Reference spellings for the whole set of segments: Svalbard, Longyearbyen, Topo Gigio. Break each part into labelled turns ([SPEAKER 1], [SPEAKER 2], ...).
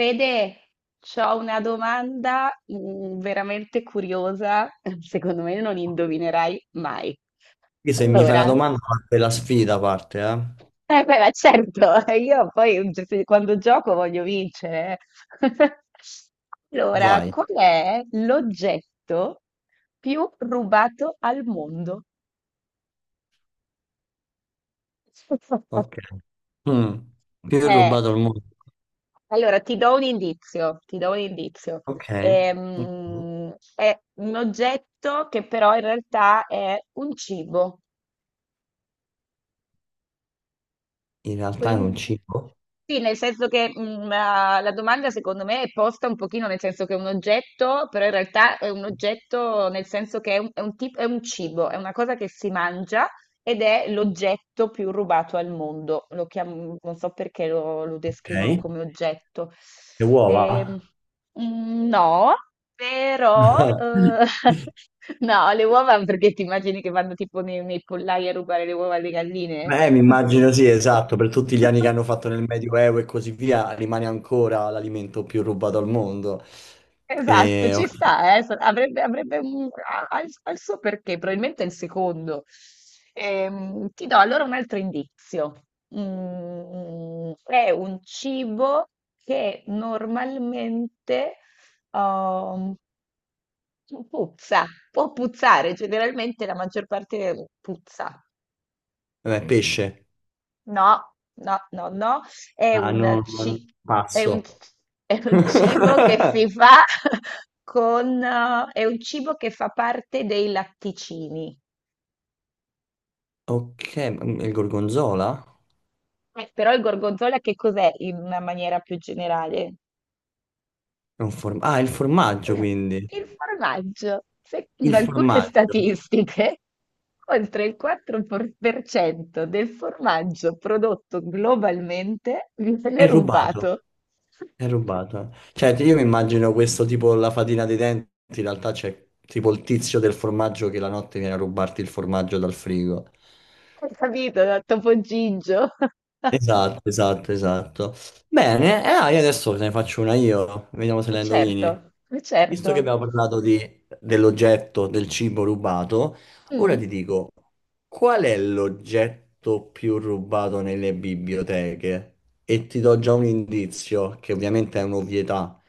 [SPEAKER 1] Fede, c'ho una domanda veramente curiosa, secondo me non indovinerai mai.
[SPEAKER 2] Quindi se mi fai una
[SPEAKER 1] Allora,
[SPEAKER 2] domanda parte la sfida, parte, eh?
[SPEAKER 1] eh beh, ma certo, io poi quando gioco voglio vincere. Allora,
[SPEAKER 2] Vai.
[SPEAKER 1] qual è l'oggetto più rubato al mondo?
[SPEAKER 2] Ok. Mm. Più
[SPEAKER 1] Eh,
[SPEAKER 2] rubato al mondo.
[SPEAKER 1] allora ti do un indizio, ti do un indizio.
[SPEAKER 2] Ok. Ok.
[SPEAKER 1] È un oggetto che però in realtà è un cibo.
[SPEAKER 2] In realtà è un cibo.
[SPEAKER 1] Sì, nel senso che la domanda secondo me è posta un pochino nel senso che è un oggetto, però in realtà è un oggetto nel senso che è un cibo, è una cosa che si mangia ed è l'oggetto più rubato al mondo. Non so perché lo descrivono
[SPEAKER 2] Ok.
[SPEAKER 1] come oggetto.
[SPEAKER 2] Le uova?
[SPEAKER 1] Ehm, no, però no, le uova perché ti immagini che vanno tipo nei pollai a rubare le uova alle galline?
[SPEAKER 2] Beh, mi immagino sì, esatto, per tutti gli anni che hanno fatto nel Medioevo e così via, rimane ancora l'alimento più rubato al mondo.
[SPEAKER 1] Esatto,
[SPEAKER 2] E,
[SPEAKER 1] ci
[SPEAKER 2] ok.
[SPEAKER 1] sta, avrebbe ha il suo perché, probabilmente è il secondo. Ti do allora un altro indizio. È un cibo che normalmente um, puzza, può puzzare, generalmente la maggior parte puzza.
[SPEAKER 2] Vabbè, pesce.
[SPEAKER 1] No, no, no, no, è
[SPEAKER 2] Ah,
[SPEAKER 1] un,
[SPEAKER 2] no, no,
[SPEAKER 1] ci- è un,
[SPEAKER 2] passo.
[SPEAKER 1] è un cibo che si fa con, è un cibo che fa parte dei latticini.
[SPEAKER 2] Ok, ma il gorgonzola?
[SPEAKER 1] Però il gorgonzola che cos'è in una maniera più generale?
[SPEAKER 2] Ah, il formaggio
[SPEAKER 1] Mm,
[SPEAKER 2] quindi.
[SPEAKER 1] Il formaggio.
[SPEAKER 2] Il
[SPEAKER 1] Secondo alcune
[SPEAKER 2] formaggio.
[SPEAKER 1] statistiche, oltre il 4% del formaggio prodotto globalmente viene
[SPEAKER 2] È rubato.
[SPEAKER 1] rubato.
[SPEAKER 2] È rubato. Cioè, io mi immagino questo tipo la fatina dei denti, in realtà c'è tipo il tizio del formaggio che la notte viene a rubarti il formaggio dal frigo.
[SPEAKER 1] Hai capito, da Topo Gigio?
[SPEAKER 2] Esatto, esatto, esatto. Bene, e io adesso te ne faccio una io. Vediamo se la indovini.
[SPEAKER 1] Certo,
[SPEAKER 2] Visto che
[SPEAKER 1] certo.
[SPEAKER 2] abbiamo parlato dell'oggetto del cibo rubato, ora ti
[SPEAKER 1] Mm.
[SPEAKER 2] dico, qual è l'oggetto più rubato nelle biblioteche? E ti do già un indizio, che ovviamente è un'ovvietà,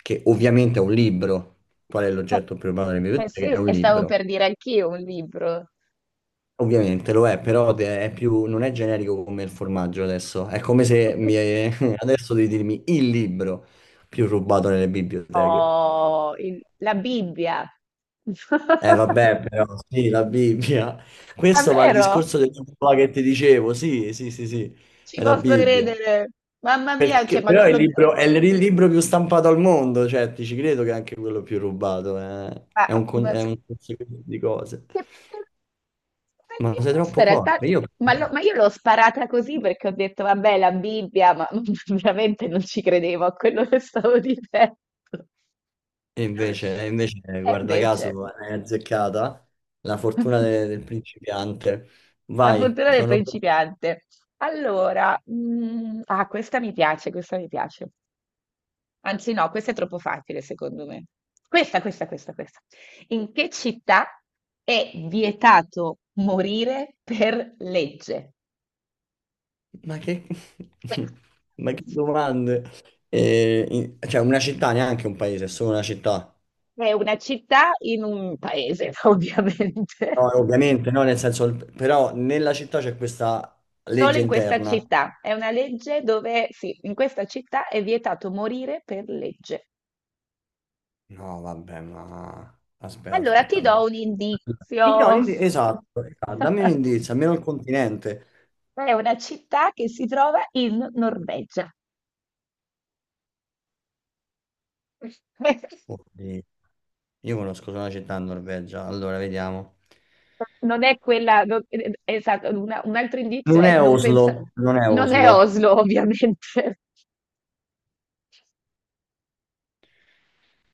[SPEAKER 2] che ovviamente è un libro. Qual è
[SPEAKER 1] Beh,
[SPEAKER 2] l'oggetto più rubato nelle
[SPEAKER 1] beh, sì,
[SPEAKER 2] biblioteche? È un
[SPEAKER 1] e stavo
[SPEAKER 2] libro.
[SPEAKER 1] per dire anch'io un libro.
[SPEAKER 2] Ovviamente lo è, però non è generico come il formaggio adesso. È come se mi, adesso devi dirmi il libro più rubato nelle biblioteche.
[SPEAKER 1] Oh, la Bibbia.
[SPEAKER 2] Eh vabbè, però sì, la Bibbia. Questo va al
[SPEAKER 1] Davvero?
[SPEAKER 2] discorso del libro là che ti dicevo, sì, sì, sì, sì,
[SPEAKER 1] Ci
[SPEAKER 2] è la
[SPEAKER 1] posso
[SPEAKER 2] Bibbia.
[SPEAKER 1] credere. Mamma mia, cioè,
[SPEAKER 2] Perché, però è il libro, è il libro più stampato al mondo, cioè ti ci credo che è anche quello più rubato, eh.
[SPEAKER 1] ma-
[SPEAKER 2] È un, con-
[SPEAKER 1] ma-
[SPEAKER 2] è
[SPEAKER 1] che-
[SPEAKER 2] un conseguenza di cose.
[SPEAKER 1] che- che-
[SPEAKER 2] Ma sei
[SPEAKER 1] questa
[SPEAKER 2] troppo
[SPEAKER 1] in realtà,
[SPEAKER 2] forte, io però.
[SPEAKER 1] ma io l'ho sparata così perché ho detto, vabbè, la Bibbia, ma veramente non ci credevo a quello che stavo dicendo.
[SPEAKER 2] E invece,
[SPEAKER 1] E
[SPEAKER 2] guarda
[SPEAKER 1] invece.
[SPEAKER 2] caso, hai azzeccata la fortuna del principiante.
[SPEAKER 1] La
[SPEAKER 2] Vai,
[SPEAKER 1] fortuna del
[SPEAKER 2] sono.
[SPEAKER 1] principiante. Allora, ah, questa mi piace, questa mi piace. Anzi, no, questa è troppo facile, secondo me. Questa, questa, questa, questa. In che città è vietato morire per legge?
[SPEAKER 2] Ma che, ma che domande? Cioè, una città neanche un paese, è solo una città.
[SPEAKER 1] È una città in un paese,
[SPEAKER 2] No,
[SPEAKER 1] ovviamente.
[SPEAKER 2] ovviamente, no, nel senso, però nella città c'è questa
[SPEAKER 1] Solo
[SPEAKER 2] legge
[SPEAKER 1] in questa
[SPEAKER 2] interna.
[SPEAKER 1] città. È una legge dove, sì, in questa città è vietato morire per legge.
[SPEAKER 2] No, vabbè, ma aspetta,
[SPEAKER 1] Allora
[SPEAKER 2] aspetta,
[SPEAKER 1] ti do
[SPEAKER 2] allora.
[SPEAKER 1] un
[SPEAKER 2] No,
[SPEAKER 1] indizio.
[SPEAKER 2] esatto, esatto, dammi un indizio, almeno il continente.
[SPEAKER 1] È una città che si trova in Norvegia.
[SPEAKER 2] Oddio, io conosco solo una città in Norvegia, allora vediamo.
[SPEAKER 1] Non è quella, esatto, un altro indizio
[SPEAKER 2] Non
[SPEAKER 1] è
[SPEAKER 2] è
[SPEAKER 1] non pensa,
[SPEAKER 2] Oslo, non è
[SPEAKER 1] non è
[SPEAKER 2] Oslo.
[SPEAKER 1] Oslo, ovviamente.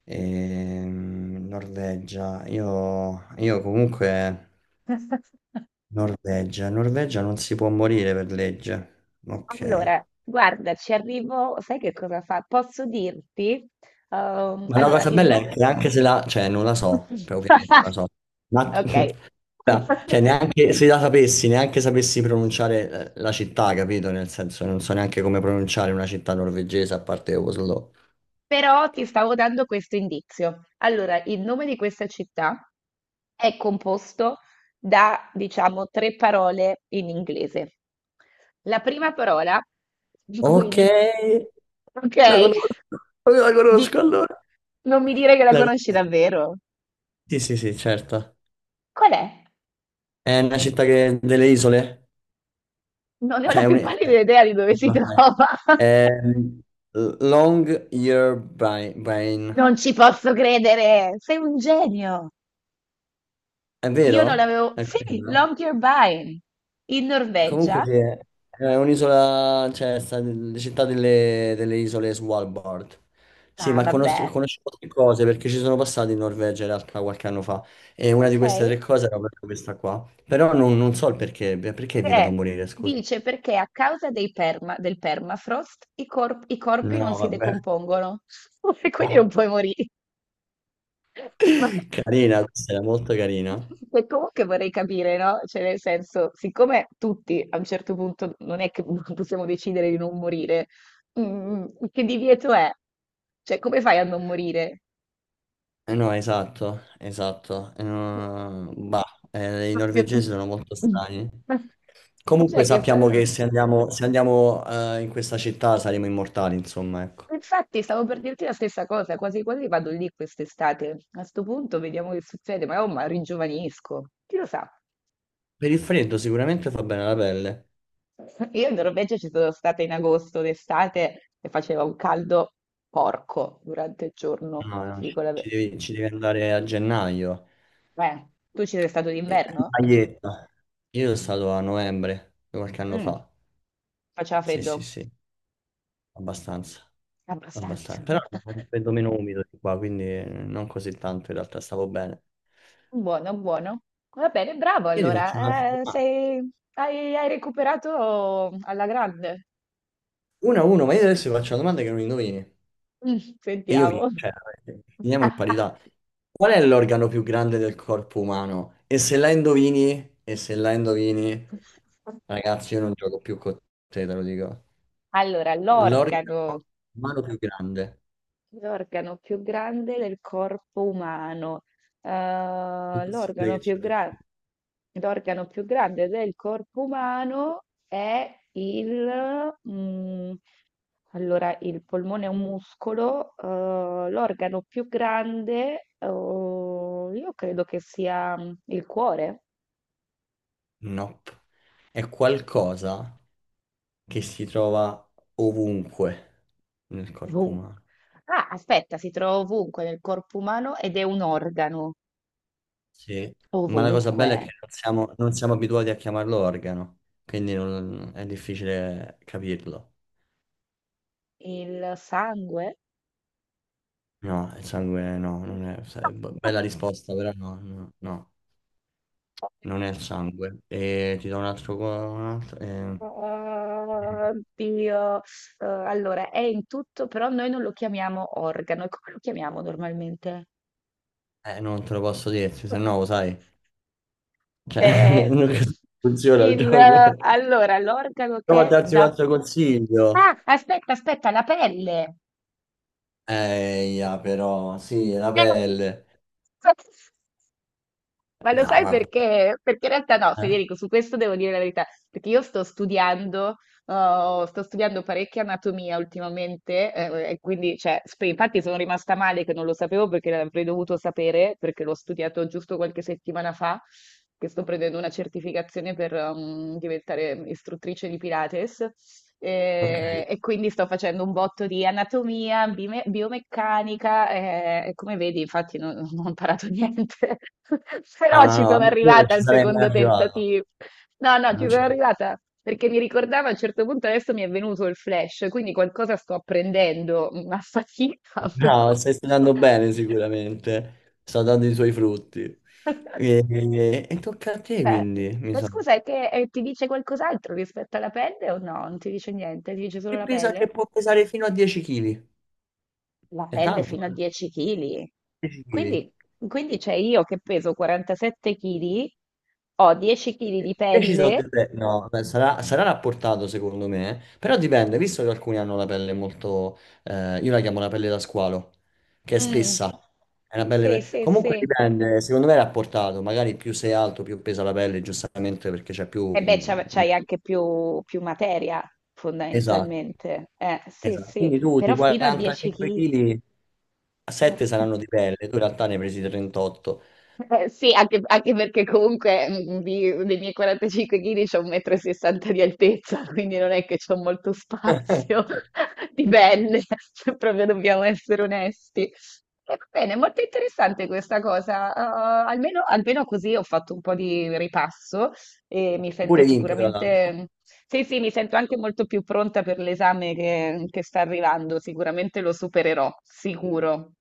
[SPEAKER 2] Norvegia, io comunque. Norvegia. Norvegia non si può morire per legge. Ok.
[SPEAKER 1] Allora, guarda, ci arrivo, sai che cosa fa? Posso dirti? Ehm,
[SPEAKER 2] Ma la No,
[SPEAKER 1] allora,
[SPEAKER 2] cosa
[SPEAKER 1] il
[SPEAKER 2] bella
[SPEAKER 1] no.
[SPEAKER 2] è che anche se la, cioè non la so, cioè, ovviamente non la so. Ma
[SPEAKER 1] Ok.
[SPEAKER 2] ora, cioè, neanche se la sapessi, neanche sapessi pronunciare la città, capito? Nel senso, non so neanche come pronunciare una città norvegese a parte Oslo.
[SPEAKER 1] Però ti stavo dando questo indizio. Allora, il nome di questa città è composto da, diciamo, tre parole in inglese. La prima parola di cui
[SPEAKER 2] Ok,
[SPEAKER 1] inizia,
[SPEAKER 2] la
[SPEAKER 1] ok?
[SPEAKER 2] conosco, la
[SPEAKER 1] Di.
[SPEAKER 2] conosco allora.
[SPEAKER 1] Non mi dire che la
[SPEAKER 2] La
[SPEAKER 1] conosci
[SPEAKER 2] con-
[SPEAKER 1] davvero.
[SPEAKER 2] Sì, sì, sì, certo.
[SPEAKER 1] Qual è?
[SPEAKER 2] È una città che, delle isole?
[SPEAKER 1] Non ne ho
[SPEAKER 2] Cioè,
[SPEAKER 1] la
[SPEAKER 2] è un,
[SPEAKER 1] più
[SPEAKER 2] eh,
[SPEAKER 1] pallida idea di dove si trova.
[SPEAKER 2] Ehm, Long Year Brain,
[SPEAKER 1] Non ci posso credere, sei un genio.
[SPEAKER 2] è
[SPEAKER 1] Io non l'avevo.
[SPEAKER 2] vero? È
[SPEAKER 1] Sì,
[SPEAKER 2] quello?
[SPEAKER 1] Longyearbyen, in
[SPEAKER 2] Comunque
[SPEAKER 1] Norvegia.
[SPEAKER 2] sì, è un'isola, cioè sta nelle città delle isole Svalbard. Sì,
[SPEAKER 1] Ah,
[SPEAKER 2] ma conosco,
[SPEAKER 1] vabbè.
[SPEAKER 2] conosco tre cose perché ci sono passato in Norvegia in realtà qualche anno fa e una di
[SPEAKER 1] Ok.
[SPEAKER 2] queste tre cose era proprio questa qua. Però non so il perché, perché è vietato
[SPEAKER 1] Eh,
[SPEAKER 2] morire, scusa.
[SPEAKER 1] dice perché a causa dei del permafrost i corpi non
[SPEAKER 2] No,
[SPEAKER 1] si
[SPEAKER 2] vabbè.
[SPEAKER 1] decompongono e quindi non puoi morire. Ma
[SPEAKER 2] Carina, questa era molto carina.
[SPEAKER 1] e comunque vorrei capire, no? Cioè, nel senso, siccome tutti a un certo punto non è che possiamo decidere di non morire, mm, che divieto è? Cioè, come fai a non morire?
[SPEAKER 2] Eh no, esatto, esatto. No, bah, i
[SPEAKER 1] Proprio-
[SPEAKER 2] norvegesi sono molto strani. Comunque
[SPEAKER 1] Cioè,
[SPEAKER 2] sappiamo che se andiamo, in questa città saremo immortali, insomma, ecco.
[SPEAKER 1] Infatti, stavo per dirti la stessa cosa, quasi quasi vado lì quest'estate. A sto punto vediamo che succede, ma oh, ma ringiovanisco. Chi lo sa?
[SPEAKER 2] Per il freddo sicuramente fa bene la pelle.
[SPEAKER 1] Io in Norvegia ci sono stata in agosto d'estate e faceva un caldo porco durante il giorno,
[SPEAKER 2] No, no,
[SPEAKER 1] ti dico
[SPEAKER 2] ci,
[SPEAKER 1] la
[SPEAKER 2] ci
[SPEAKER 1] verità.
[SPEAKER 2] devi, ci devi andare a gennaio.
[SPEAKER 1] Tu ci sei stato
[SPEAKER 2] In
[SPEAKER 1] d'inverno?
[SPEAKER 2] Maglietta. Io sono stato a novembre, qualche anno
[SPEAKER 1] Mm,
[SPEAKER 2] fa.
[SPEAKER 1] faceva
[SPEAKER 2] Sì, sì,
[SPEAKER 1] freddo,
[SPEAKER 2] sì, abbastanza.
[SPEAKER 1] abbastanza.
[SPEAKER 2] Abbastanza. Però è un freddo meno umido di qua, quindi non così tanto in realtà, stavo bene.
[SPEAKER 1] Buono, buono. Va bene, bravo
[SPEAKER 2] Io ti faccio un'altra
[SPEAKER 1] allora. Eh,
[SPEAKER 2] domanda.
[SPEAKER 1] sei- hai, hai recuperato alla grande.
[SPEAKER 2] 1-1, ma io adesso ti faccio una domanda che non indovini.
[SPEAKER 1] Mm,
[SPEAKER 2] E io vinco,
[SPEAKER 1] sentiamo.
[SPEAKER 2] cioè, finiamo in parità. Qual è l'organo più grande del corpo umano? E se la indovini, e se la indovini, ragazzi, io non gioco più con te, te lo dico.
[SPEAKER 1] Allora, l'organo,
[SPEAKER 2] L'organo umano più grande.
[SPEAKER 1] l'organo più grande del corpo umano. Eh,
[SPEAKER 2] Impossibile
[SPEAKER 1] l'organo
[SPEAKER 2] che
[SPEAKER 1] più
[SPEAKER 2] ce lo
[SPEAKER 1] gra-
[SPEAKER 2] dica.
[SPEAKER 1] l'organo più grande del corpo umano è il polmone è un muscolo, l'organo più grande, oh, io credo che sia il cuore.
[SPEAKER 2] Nope. È qualcosa che si trova ovunque nel corpo
[SPEAKER 1] Vum.
[SPEAKER 2] umano.
[SPEAKER 1] Ah, aspetta, si trova ovunque nel corpo umano ed è un organo.
[SPEAKER 2] Sì. Ma la cosa
[SPEAKER 1] Ovunque.
[SPEAKER 2] bella è che non siamo abituati a chiamarlo organo, quindi è difficile capirlo.
[SPEAKER 1] Il sangue?
[SPEAKER 2] No, il sangue no, non è, sai, bella risposta, però no, no, no, non è il sangue. E ti do un altro, qua- un altro eh,
[SPEAKER 1] Oddio. Allora, è in tutto, però noi non lo chiamiamo organo. E come lo chiamiamo normalmente?
[SPEAKER 2] eh, Non te lo posso dirti, se no lo sai. Cioè,
[SPEAKER 1] Eh,
[SPEAKER 2] non funziona il
[SPEAKER 1] il,
[SPEAKER 2] gioco.
[SPEAKER 1] allora, l'organo
[SPEAKER 2] Provo
[SPEAKER 1] che
[SPEAKER 2] a
[SPEAKER 1] è
[SPEAKER 2] darti un
[SPEAKER 1] da.
[SPEAKER 2] altro
[SPEAKER 1] Ah,
[SPEAKER 2] consiglio.
[SPEAKER 1] aspetta, aspetta, la pelle.
[SPEAKER 2] Ya, però, sì, la
[SPEAKER 1] Eh.
[SPEAKER 2] pelle.
[SPEAKER 1] Ma lo
[SPEAKER 2] No,
[SPEAKER 1] sai
[SPEAKER 2] vabbè.
[SPEAKER 1] perché? Perché in realtà no,
[SPEAKER 2] Eh?
[SPEAKER 1] Federico, su questo devo dire la verità, perché io sto studiando parecchia anatomia ultimamente, e quindi, cioè, infatti sono rimasta male che non lo sapevo perché l'avrei dovuto sapere, perché l'ho studiato giusto qualche settimana fa, che sto prendendo una certificazione per diventare istruttrice di Pilates,
[SPEAKER 2] Ok.
[SPEAKER 1] e quindi sto facendo un botto di anatomia, biomeccanica, e come vedi, infatti non ho imparato niente.
[SPEAKER 2] No,
[SPEAKER 1] Però
[SPEAKER 2] no,
[SPEAKER 1] ci sono
[SPEAKER 2] no, a quello non
[SPEAKER 1] arrivata
[SPEAKER 2] ci
[SPEAKER 1] al
[SPEAKER 2] sarei mai
[SPEAKER 1] secondo
[SPEAKER 2] arrivato.
[SPEAKER 1] tentativo. No, no, ci
[SPEAKER 2] Non
[SPEAKER 1] sono
[SPEAKER 2] ci-
[SPEAKER 1] arrivata perché mi ricordavo a un certo punto adesso mi è venuto il flash, quindi qualcosa sto apprendendo, ma fatica
[SPEAKER 2] No,
[SPEAKER 1] però.
[SPEAKER 2] stai studiando bene sicuramente. Sta dando i suoi frutti. E tocca a te
[SPEAKER 1] Eh,
[SPEAKER 2] quindi, mi
[SPEAKER 1] Ma
[SPEAKER 2] sa.
[SPEAKER 1] scusa, è che ti dice qualcos'altro rispetto alla pelle o no? Non ti dice niente, ti dice solo
[SPEAKER 2] Che
[SPEAKER 1] la
[SPEAKER 2] pesa
[SPEAKER 1] pelle?
[SPEAKER 2] che può pesare fino a 10 kg?
[SPEAKER 1] La
[SPEAKER 2] È
[SPEAKER 1] pelle
[SPEAKER 2] tanto,
[SPEAKER 1] fino a
[SPEAKER 2] eh?
[SPEAKER 1] 10 kg.
[SPEAKER 2] 10 kg.
[SPEAKER 1] Quindi, quindi, c'è io che peso 47 kg, ho 10 kg di
[SPEAKER 2] Io ci so
[SPEAKER 1] pelle.
[SPEAKER 2] delle- No, beh, sarà rapportato secondo me, eh. Però dipende, visto che alcuni hanno la pelle molto, io la chiamo la pelle da squalo, che è
[SPEAKER 1] Mm.
[SPEAKER 2] spessa. È una pelle.
[SPEAKER 1] Sì, sì,
[SPEAKER 2] Comunque
[SPEAKER 1] sì.
[SPEAKER 2] dipende, secondo me è rapportato, magari più sei alto, più pesa la pelle, giustamente perché c'è più.
[SPEAKER 1] E beh, c'hai anche più materia,
[SPEAKER 2] Esatto,
[SPEAKER 1] fondamentalmente. Sì,
[SPEAKER 2] esatto.
[SPEAKER 1] sì,
[SPEAKER 2] Quindi tu di
[SPEAKER 1] però fino a 10
[SPEAKER 2] 45
[SPEAKER 1] kg.
[SPEAKER 2] kg, 7 saranno di pelle, tu in realtà ne hai presi 38.
[SPEAKER 1] Sì, anche perché comunque dei miei 45 kg c'ho 1,60 m di altezza, quindi non è che c'ho molto spazio di pelle, se proprio dobbiamo essere onesti. Va bene, molto interessante questa cosa. Almeno, così ho fatto un po' di ripasso e mi sento
[SPEAKER 2] Pure vinto, tra l'altro.
[SPEAKER 1] sicuramente, sì, sì, mi sento anche molto più pronta per l'esame che sta arrivando. Sicuramente lo supererò, sicuro.